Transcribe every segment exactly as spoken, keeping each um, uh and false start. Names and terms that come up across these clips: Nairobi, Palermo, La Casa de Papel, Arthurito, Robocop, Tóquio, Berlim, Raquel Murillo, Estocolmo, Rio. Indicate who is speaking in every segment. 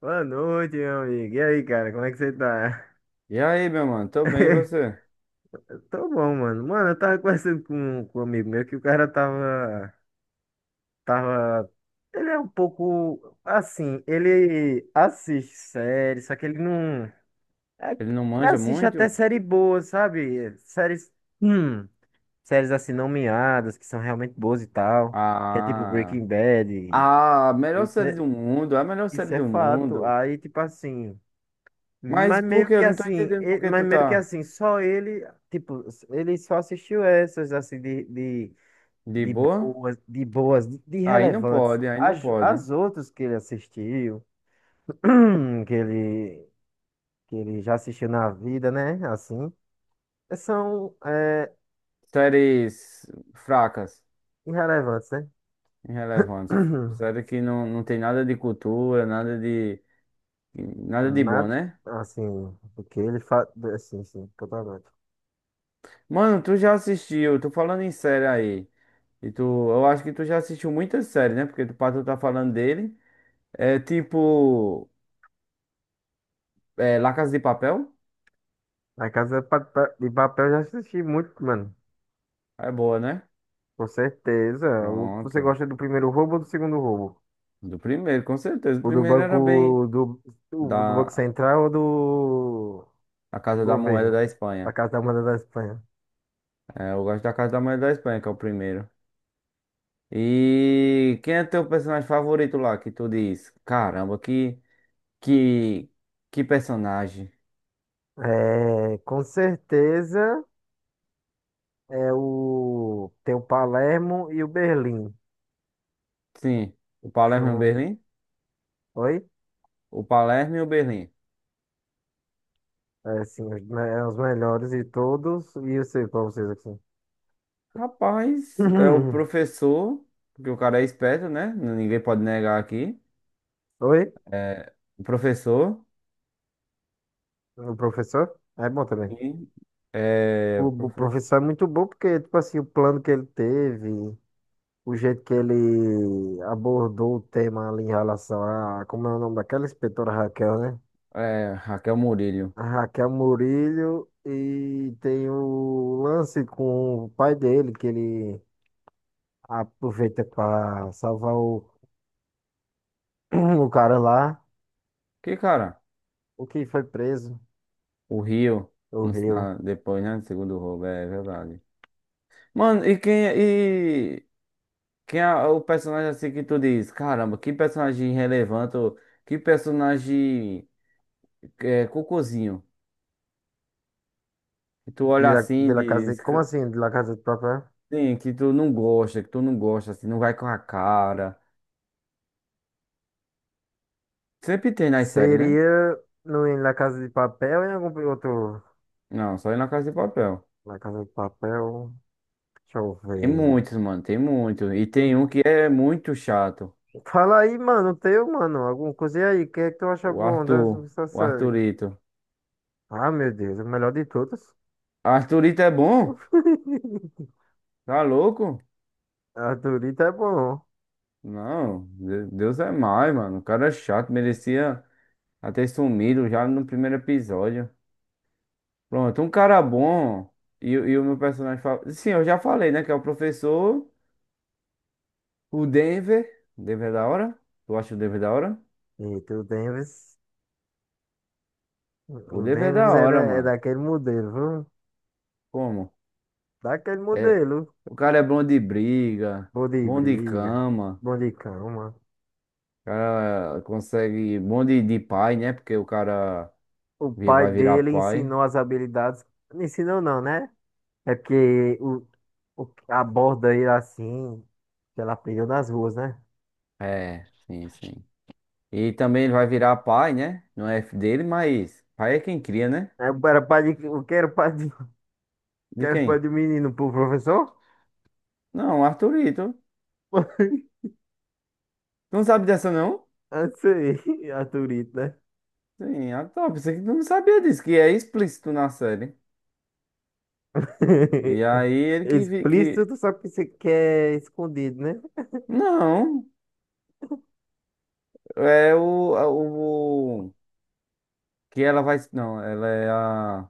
Speaker 1: Boa noite, meu amigo. E aí, cara, como é que você tá?
Speaker 2: E aí, meu mano? Tô bem, e você?
Speaker 1: Tô bom, mano. Mano, eu tava conversando com, com um amigo meu que o cara tava, tava. Ele é um pouco assim, ele assiste séries, só que ele não. é
Speaker 2: Ele não
Speaker 1: ele
Speaker 2: manja
Speaker 1: assiste até
Speaker 2: muito?
Speaker 1: série boa, sabe? Séries. Hum, séries assim, não miadas, que são realmente boas e tal. Que é tipo
Speaker 2: Ah,
Speaker 1: Breaking Bad.
Speaker 2: ah, a melhor
Speaker 1: Isso
Speaker 2: série
Speaker 1: é,
Speaker 2: do mundo, a melhor série
Speaker 1: isso é
Speaker 2: do
Speaker 1: fato.
Speaker 2: mundo.
Speaker 1: Aí, tipo assim.
Speaker 2: Mas
Speaker 1: Mas
Speaker 2: por
Speaker 1: meio
Speaker 2: que?
Speaker 1: que
Speaker 2: Eu não tô
Speaker 1: assim,
Speaker 2: entendendo por
Speaker 1: e-
Speaker 2: que
Speaker 1: mas
Speaker 2: tu
Speaker 1: meio que
Speaker 2: tá
Speaker 1: assim, só ele, tipo, ele só assistiu essas assim de, de,
Speaker 2: de
Speaker 1: de
Speaker 2: boa.
Speaker 1: boas, de boas, de, de
Speaker 2: Aí não
Speaker 1: relevantes.
Speaker 2: pode, aí não
Speaker 1: As,
Speaker 2: pode.
Speaker 1: as outras que ele assistiu, que ele, que ele já assistiu na vida, né? Assim, são é,
Speaker 2: Séries fracas,
Speaker 1: irrelevantes, né?
Speaker 2: irrelevantes. Série que não, não tem nada de cultura, nada de, nada de bom,
Speaker 1: Nada,
Speaker 2: né?
Speaker 1: assim, porque ele faz, assim, sim, totalmente.
Speaker 2: Mano, tu já assistiu, tô falando em série aí. E tu, eu acho que tu já assistiu muitas séries, né? Porque tu, pra tu tá falando dele. É tipo. É, La Casa de Papel?
Speaker 1: A Casa de Pa- Pa- de Papel eu já assisti muito, mano.
Speaker 2: É boa, né?
Speaker 1: Com certeza. O- Você
Speaker 2: Pronto.
Speaker 1: gosta do primeiro roubo ou do segundo roubo?
Speaker 2: Do primeiro, com certeza. O
Speaker 1: O do
Speaker 2: primeiro era bem
Speaker 1: banco do, do, do Banco
Speaker 2: da
Speaker 1: Central ou do
Speaker 2: a Casa da Moeda
Speaker 1: governo?
Speaker 2: da
Speaker 1: Da
Speaker 2: Espanha.
Speaker 1: Casa da Moeda da Espanha.
Speaker 2: É, eu gosto da Casa da Moeda da Espanha, que é o primeiro. E quem é teu personagem favorito lá, que tu diz? Caramba, que que que personagem.
Speaker 1: É, com certeza é o tem o Palermo e o Berlim.
Speaker 2: Sim, o Palermo e o
Speaker 1: São,
Speaker 2: Berlim?
Speaker 1: oi?
Speaker 2: O Palermo e o Berlim.
Speaker 1: É, sim, os, me- é os melhores de todos. E eu sei pra vocês aqui.
Speaker 2: Rapaz, é o professor, porque o cara é esperto, né? Ninguém pode negar aqui.
Speaker 1: Oi?
Speaker 2: É, o professor.
Speaker 1: O professor? É bom também.
Speaker 2: E é,
Speaker 1: O, o
Speaker 2: professor,
Speaker 1: professor é muito bom porque, tipo assim, o plano que ele teve. O jeito que ele abordou o tema ali em relação a, como é o nome daquela inspetora Raquel, né?
Speaker 2: é, Raquel Murillo.
Speaker 1: A Raquel Murillo e tem o lance com o pai dele, que ele aproveita para salvar o, o cara lá,
Speaker 2: Que cara?
Speaker 1: o que foi preso
Speaker 2: O Rio,
Speaker 1: o
Speaker 2: no-
Speaker 1: Rio.
Speaker 2: na- depois, né? Segundo roubo, é verdade. Mano, e quem e quem é o personagem assim que tu diz? Caramba, que personagem relevante, ou que personagem é, cocôzinho. Que tu
Speaker 1: De
Speaker 2: olha
Speaker 1: La,
Speaker 2: assim
Speaker 1: de
Speaker 2: e
Speaker 1: La Casa
Speaker 2: diz,
Speaker 1: de, como
Speaker 2: que-
Speaker 1: assim, de La Casa de Papel?
Speaker 2: sim, que tu não gosta, que tu não gosta, assim, não vai com a cara. Sempre tem nas séries, né?
Speaker 1: Seria no, em La Casa de Papel ou em algum outro.
Speaker 2: Não, só aí na Casa de Papel.
Speaker 1: La Casa de Papel, deixa eu
Speaker 2: Tem
Speaker 1: ver.
Speaker 2: muitos, mano, tem muito. E tem um que é muito chato.
Speaker 1: Fala aí, mano, teu, mano, alguma coisa aí, o que é que tu acha
Speaker 2: O
Speaker 1: bom
Speaker 2: Arthur,
Speaker 1: dessa
Speaker 2: o
Speaker 1: série?
Speaker 2: Arthurito.
Speaker 1: Ah, meu Deus, o melhor de todas.
Speaker 2: Arthurito é bom? Tá louco?
Speaker 1: A Dorita é bom.
Speaker 2: Não, De- Deus é mais, mano. O cara é chato, merecia até sumido já no primeiro episódio. Pronto, um cara bom. E, o- e o meu personagem favorito. Sim, eu já falei, né? Que é o professor, o Denver. O Denver é da hora? Tu acha o Denver da hora?
Speaker 1: Eita, o Davis,
Speaker 2: O
Speaker 1: o
Speaker 2: Denver é
Speaker 1: Davis
Speaker 2: da
Speaker 1: é, da,
Speaker 2: hora,
Speaker 1: é
Speaker 2: mano.
Speaker 1: daquele modelo, viu?
Speaker 2: Como?
Speaker 1: Daquele
Speaker 2: É,
Speaker 1: modelo.
Speaker 2: o cara é bom de briga,
Speaker 1: Bom de
Speaker 2: bom de
Speaker 1: briga,
Speaker 2: cama.
Speaker 1: bom de cama.
Speaker 2: O cara consegue um monte de de pai, né? Porque o cara
Speaker 1: O
Speaker 2: vi-
Speaker 1: pai
Speaker 2: vai virar
Speaker 1: dele
Speaker 2: pai.
Speaker 1: ensinou as habilidades, não ensinou não, né? É porque o, o, aborda ele assim, que ela aprendeu nas ruas, né?
Speaker 2: É, sim, sim. E também ele vai virar pai, né? Não é F dele, mas pai é quem cria, né?
Speaker 1: É, era o pai de, o que era pai de.
Speaker 2: De
Speaker 1: Quer foi
Speaker 2: quem?
Speaker 1: de menino pro professor?
Speaker 2: Não, Arthurito. Tu não sabe dessa, não?
Speaker 1: Eu sei, Arthurito, né?
Speaker 2: Sim, ah, tá. Pensei que tu não sabia disso, que é explícito na série. E aí ele que... vi-
Speaker 1: Explícito,
Speaker 2: que...
Speaker 1: tu sabe que você quer escondido, né?
Speaker 2: Não, é o, a- o... o- Que ela vai... Não, ela é a...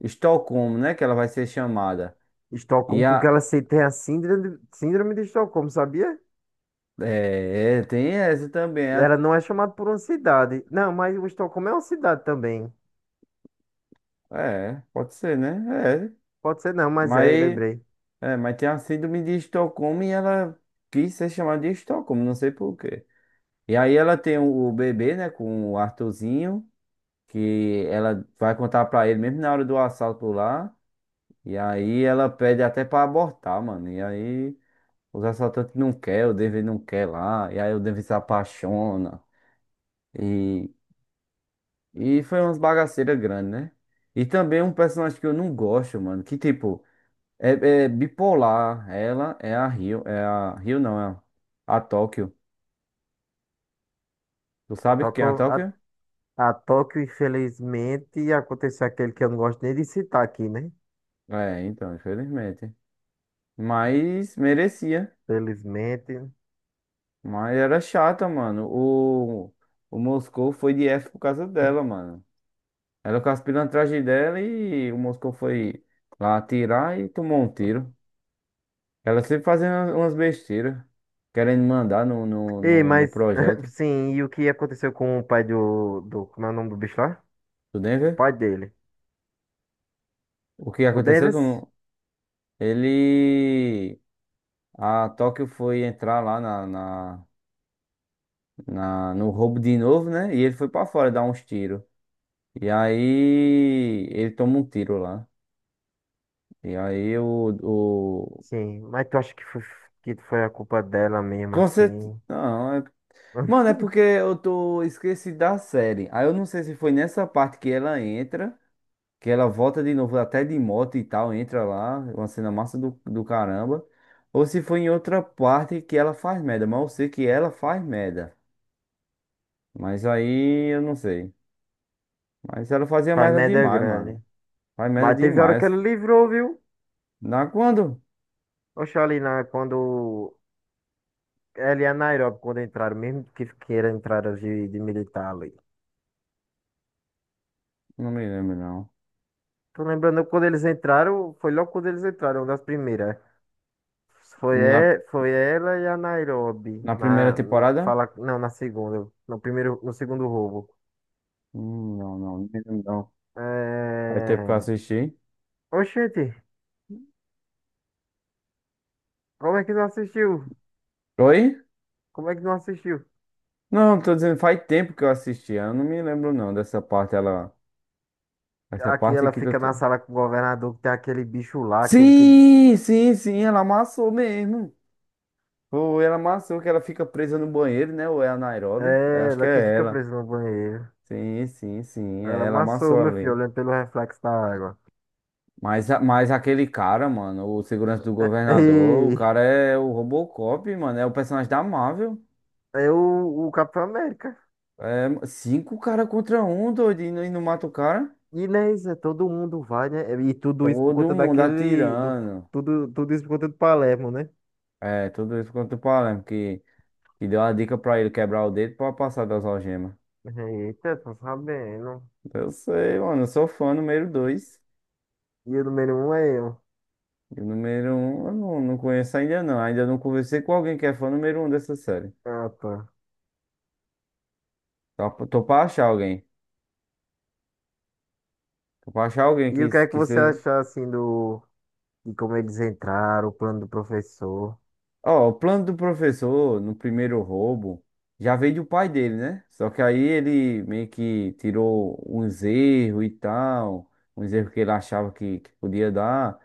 Speaker 2: Estocolmo, né? Que ela vai ser chamada.
Speaker 1: Estocolmo,
Speaker 2: E
Speaker 1: porque
Speaker 2: a,
Speaker 1: ela se- tem a síndrome, síndrome de Estocolmo, sabia?
Speaker 2: é, tem essa também. É,
Speaker 1: Ela não é chamada por uma cidade. Não, mas o Estocolmo é uma cidade também.
Speaker 2: é, pode ser, né? É.
Speaker 1: Pode ser não, mas é,
Speaker 2: Mas,
Speaker 1: lembrei.
Speaker 2: é, mas tem a síndrome de Estocolmo e ela quis ser chamada de Estocolmo, não sei por quê. E aí ela tem o, o bebê, né, com o Arthurzinho, que ela vai contar pra ele mesmo na hora do assalto lá. E aí ela pede até pra abortar, mano. E aí os assaltantes não quer, o David não quer lá. E aí o David se apaixona. e E foi umas bagaceiras grandes, né? E também um personagem que eu não gosto, mano. Que tipo, é, é bipolar. Ela é a Rio. É a Rio, não, é a Tóquio. Tu
Speaker 1: A
Speaker 2: sabe quem é a
Speaker 1: Tóquio, a,
Speaker 2: Tóquio?
Speaker 1: a Tóquio, infelizmente, aconteceu aquele que eu não gosto nem de citar aqui, né?
Speaker 2: É, então, infelizmente. Mas merecia.
Speaker 1: Felizmente.
Speaker 2: Mas era chata, mano. O, o Moscou foi de F por causa dela, mano. Ela com as pilantragens dela e o Moscou foi lá atirar e tomou um tiro. Ela sempre fazendo umas besteiras, querendo mandar no, no,
Speaker 1: Ei,
Speaker 2: no, no
Speaker 1: mas,
Speaker 2: projeto
Speaker 1: sim, e o que aconteceu com o pai do, do, como é o nome do bicho lá?
Speaker 2: do
Speaker 1: O
Speaker 2: Denver.
Speaker 1: pai dele.
Speaker 2: O que
Speaker 1: O
Speaker 2: aconteceu? Tu
Speaker 1: Davis?
Speaker 2: não- Ele. A Tóquio foi entrar lá na, na, na- no roubo de novo, né? E ele foi pra fora dar uns tiros. E aí. Ele toma um tiro lá. E aí o. o...
Speaker 1: Sim, mas tu acha que foi, que foi a culpa dela mesmo,
Speaker 2: Com cer-
Speaker 1: assim?
Speaker 2: Não, é... Mano, é porque eu tô esqueci da série. Aí eu não sei se foi nessa parte que ela entra, que ela volta de novo até de moto e tal, entra lá, é uma cena massa do, do caramba. Ou se foi em outra parte que ela faz merda, mas eu sei que ela faz merda. Mas aí eu não sei. Mas ela fazia
Speaker 1: Pai
Speaker 2: merda
Speaker 1: merda
Speaker 2: demais,
Speaker 1: grande.
Speaker 2: mano. Faz merda
Speaker 1: Mas teve hora que
Speaker 2: demais.
Speaker 1: ele livrou, viu?
Speaker 2: Na quando?
Speaker 1: Oxalá, na, quando, ela e a Nairobi, quando entraram, mesmo que, que era entraram de, de militar ali.
Speaker 2: Não me lembro, não.
Speaker 1: Tô lembrando quando eles entraram, foi logo quando eles entraram, uma das primeiras. Foi,
Speaker 2: E Na,
Speaker 1: e- foi ela e a Nairobi
Speaker 2: na primeira
Speaker 1: na no
Speaker 2: temporada?
Speaker 1: fala não na segunda no primeiro no segundo roubo.
Speaker 2: Hum, não, não, não me lembro, não. Faz tempo que eu
Speaker 1: É.
Speaker 2: assisti.
Speaker 1: Oxente, como é que não assistiu?
Speaker 2: Oi?
Speaker 1: Como é que não assistiu?
Speaker 2: Não, tô dizendo, faz tempo que eu assisti. Eu não me lembro, não, dessa parte, ela. Essa
Speaker 1: Aqui
Speaker 2: parte
Speaker 1: ela
Speaker 2: que
Speaker 1: fica
Speaker 2: tu.
Speaker 1: na sala com o governador que tem aquele bicho lá, aquele que
Speaker 2: Sim, sim, sim, ela amassou mesmo. Ou ela amassou que ela fica presa no banheiro, né? Ou é a Nairobi? Eu
Speaker 1: é
Speaker 2: acho que
Speaker 1: ela que
Speaker 2: é
Speaker 1: fica
Speaker 2: ela.
Speaker 1: presa no banheiro.
Speaker 2: Sim, sim, sim,
Speaker 1: Ela
Speaker 2: é ela
Speaker 1: amassou
Speaker 2: amassou
Speaker 1: meu filho
Speaker 2: ali.
Speaker 1: olhando pelo reflexo da água.
Speaker 2: Mas, a- mas aquele cara, mano, o segurança do governador, o
Speaker 1: E
Speaker 2: cara é o Robocop, mano, é o personagem da Marvel.
Speaker 1: é o, o Capitão América.
Speaker 2: É cinco cara contra um, doido, e não e não mata o cara.
Speaker 1: E né, isso é todo mundo vai, né? E tudo isso por
Speaker 2: Todo
Speaker 1: conta
Speaker 2: mundo
Speaker 1: daquele do
Speaker 2: atirando.
Speaker 1: tudo tudo isso por conta do Palermo, né?
Speaker 2: É, tudo isso contra o Palermo, que, que deu a dica pra ele quebrar o dedo pra passar das algemas.
Speaker 1: Eita, tô sabendo.
Speaker 2: Eu sei, mano, eu sou fã número dois.
Speaker 1: E o número um é eu.
Speaker 2: E o número um, eu não, não conheço ainda não. Ainda não conversei com alguém que é fã número um dessa série.
Speaker 1: Ah, tá.
Speaker 2: Tô, tô pra achar alguém. Tô pra achar alguém
Speaker 1: E o
Speaker 2: que,
Speaker 1: que é que
Speaker 2: que
Speaker 1: você
Speaker 2: seja.
Speaker 1: achou, assim, do. De como eles entraram, o plano do professor.
Speaker 2: Ó, o plano do professor no primeiro roubo já veio do pai dele, né? Só que aí ele meio que tirou uns erros e tal, uns erros que ele achava que, que podia dar,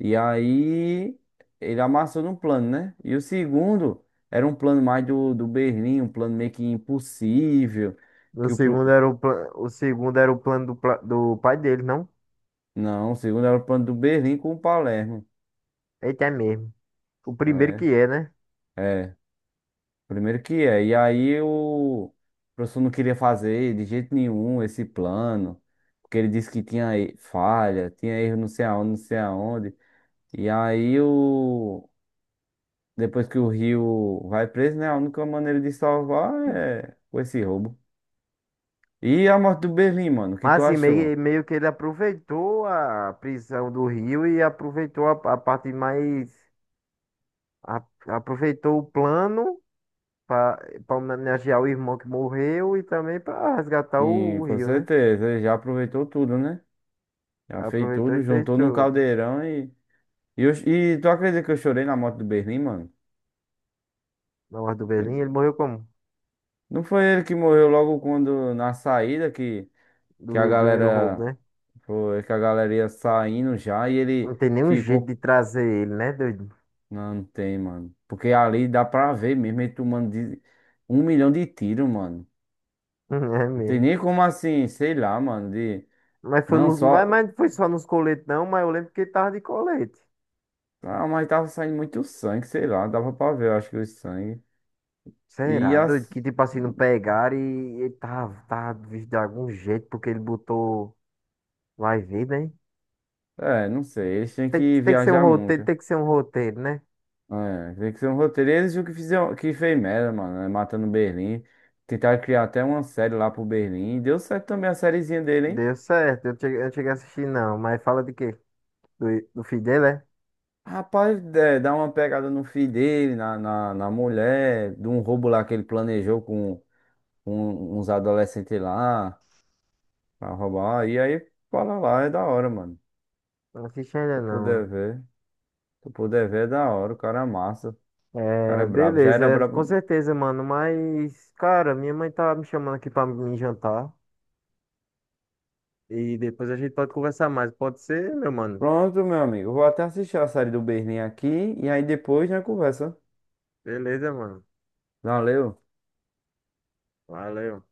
Speaker 2: e aí ele amassou no plano, né? E o segundo era um plano mais do, do Berlim, um plano meio que impossível,
Speaker 1: O
Speaker 2: que o... pro-
Speaker 1: segundo era o, pla- o segundo era o plano do, pla- do pai dele, não?
Speaker 2: Não, o segundo era o plano do Berlim com o Palermo.
Speaker 1: Eita, é mesmo. O primeiro que
Speaker 2: É,
Speaker 1: é, né?
Speaker 2: é. Primeiro que é. E aí o professor não queria fazer de jeito nenhum esse plano, porque ele disse que tinha e- falha, tinha erro não sei aonde, não sei aonde. E aí o depois que o Rio vai preso, né? A única maneira de salvar é com esse roubo. E a morte do Berlim, mano, o que tu
Speaker 1: Mas assim,
Speaker 2: achou?
Speaker 1: meio, meio que ele aproveitou a prisão do Rio e aproveitou a, a parte mais. A- aproveitou o plano para homenagear o irmão que morreu e também para resgatar o
Speaker 2: Sim,
Speaker 1: o
Speaker 2: com
Speaker 1: Rio, né?
Speaker 2: certeza, ele já aproveitou tudo, né? Já fez
Speaker 1: Aproveitou e
Speaker 2: tudo,
Speaker 1: fez
Speaker 2: juntou num
Speaker 1: tudo.
Speaker 2: caldeirão e. E, eu- e tu acredita que eu chorei na morte do Berlim, mano?
Speaker 1: Na morte do Berlim ele morreu como?
Speaker 2: Não foi ele que morreu logo quando na saída que, que a
Speaker 1: Do primeiro
Speaker 2: galera
Speaker 1: roubo, né?
Speaker 2: foi que a galera ia saindo já e
Speaker 1: Não
Speaker 2: ele
Speaker 1: tem nenhum jeito
Speaker 2: ficou.
Speaker 1: de trazer ele, né, doido?
Speaker 2: Não, não tem, mano. Porque ali dá pra ver mesmo ele tomando de- um milhão de tiros, mano.
Speaker 1: É
Speaker 2: Não tem
Speaker 1: mesmo.
Speaker 2: nem como assim, sei lá, mano. De...
Speaker 1: Mas foi
Speaker 2: Não
Speaker 1: no. vai-
Speaker 2: só.
Speaker 1: mas não foi só nos coletes, não, mas eu lembro que ele tava de colete.
Speaker 2: Ah, mas tava saindo muito sangue, sei lá. Dava pra ver, eu acho que o sangue. E
Speaker 1: Será, doido?
Speaker 2: as.
Speaker 1: Que tipo assim, não pegaram e ele tava, tava visto de algum jeito, porque ele botou. Vai ver, né?
Speaker 2: É, não sei. Eles têm
Speaker 1: Tem, que-
Speaker 2: que
Speaker 1: tem que ser um
Speaker 2: viajar
Speaker 1: roteiro,
Speaker 2: muito.
Speaker 1: tem que ser um roteiro, né?
Speaker 2: É, tem que ser um roteiro. Eles o que fizeram, que fez merda, mano, né? Matando Berlim. Tentaram criar até uma série lá pro Berlim. Deu certo também a sériezinha dele, hein?
Speaker 1: Deu certo, eu não cheguei, eu não cheguei a assistir, não. Mas fala de quê? Do, do filho dele, é?
Speaker 2: Rapaz, é, dá uma pegada no filho dele, na, na, na mulher, de um roubo lá que ele planejou com, com uns adolescentes lá pra roubar. E aí, fala lá, é da hora, mano.
Speaker 1: Não assisti
Speaker 2: Se
Speaker 1: ainda,
Speaker 2: eu
Speaker 1: não.
Speaker 2: puder ver, se eu puder ver, é da hora. O cara é massa, o cara é
Speaker 1: É,
Speaker 2: brabo. Já
Speaker 1: beleza,
Speaker 2: era
Speaker 1: é, com
Speaker 2: brabo.
Speaker 1: certeza, mano. Mas, cara, minha mãe tá me chamando aqui pra me jantar. E depois a gente pode conversar mais. Pode ser, meu mano?
Speaker 2: Pronto, meu amigo. Vou até assistir a série do Berlim aqui e aí depois já conversa.
Speaker 1: Beleza, mano.
Speaker 2: Valeu.
Speaker 1: Valeu.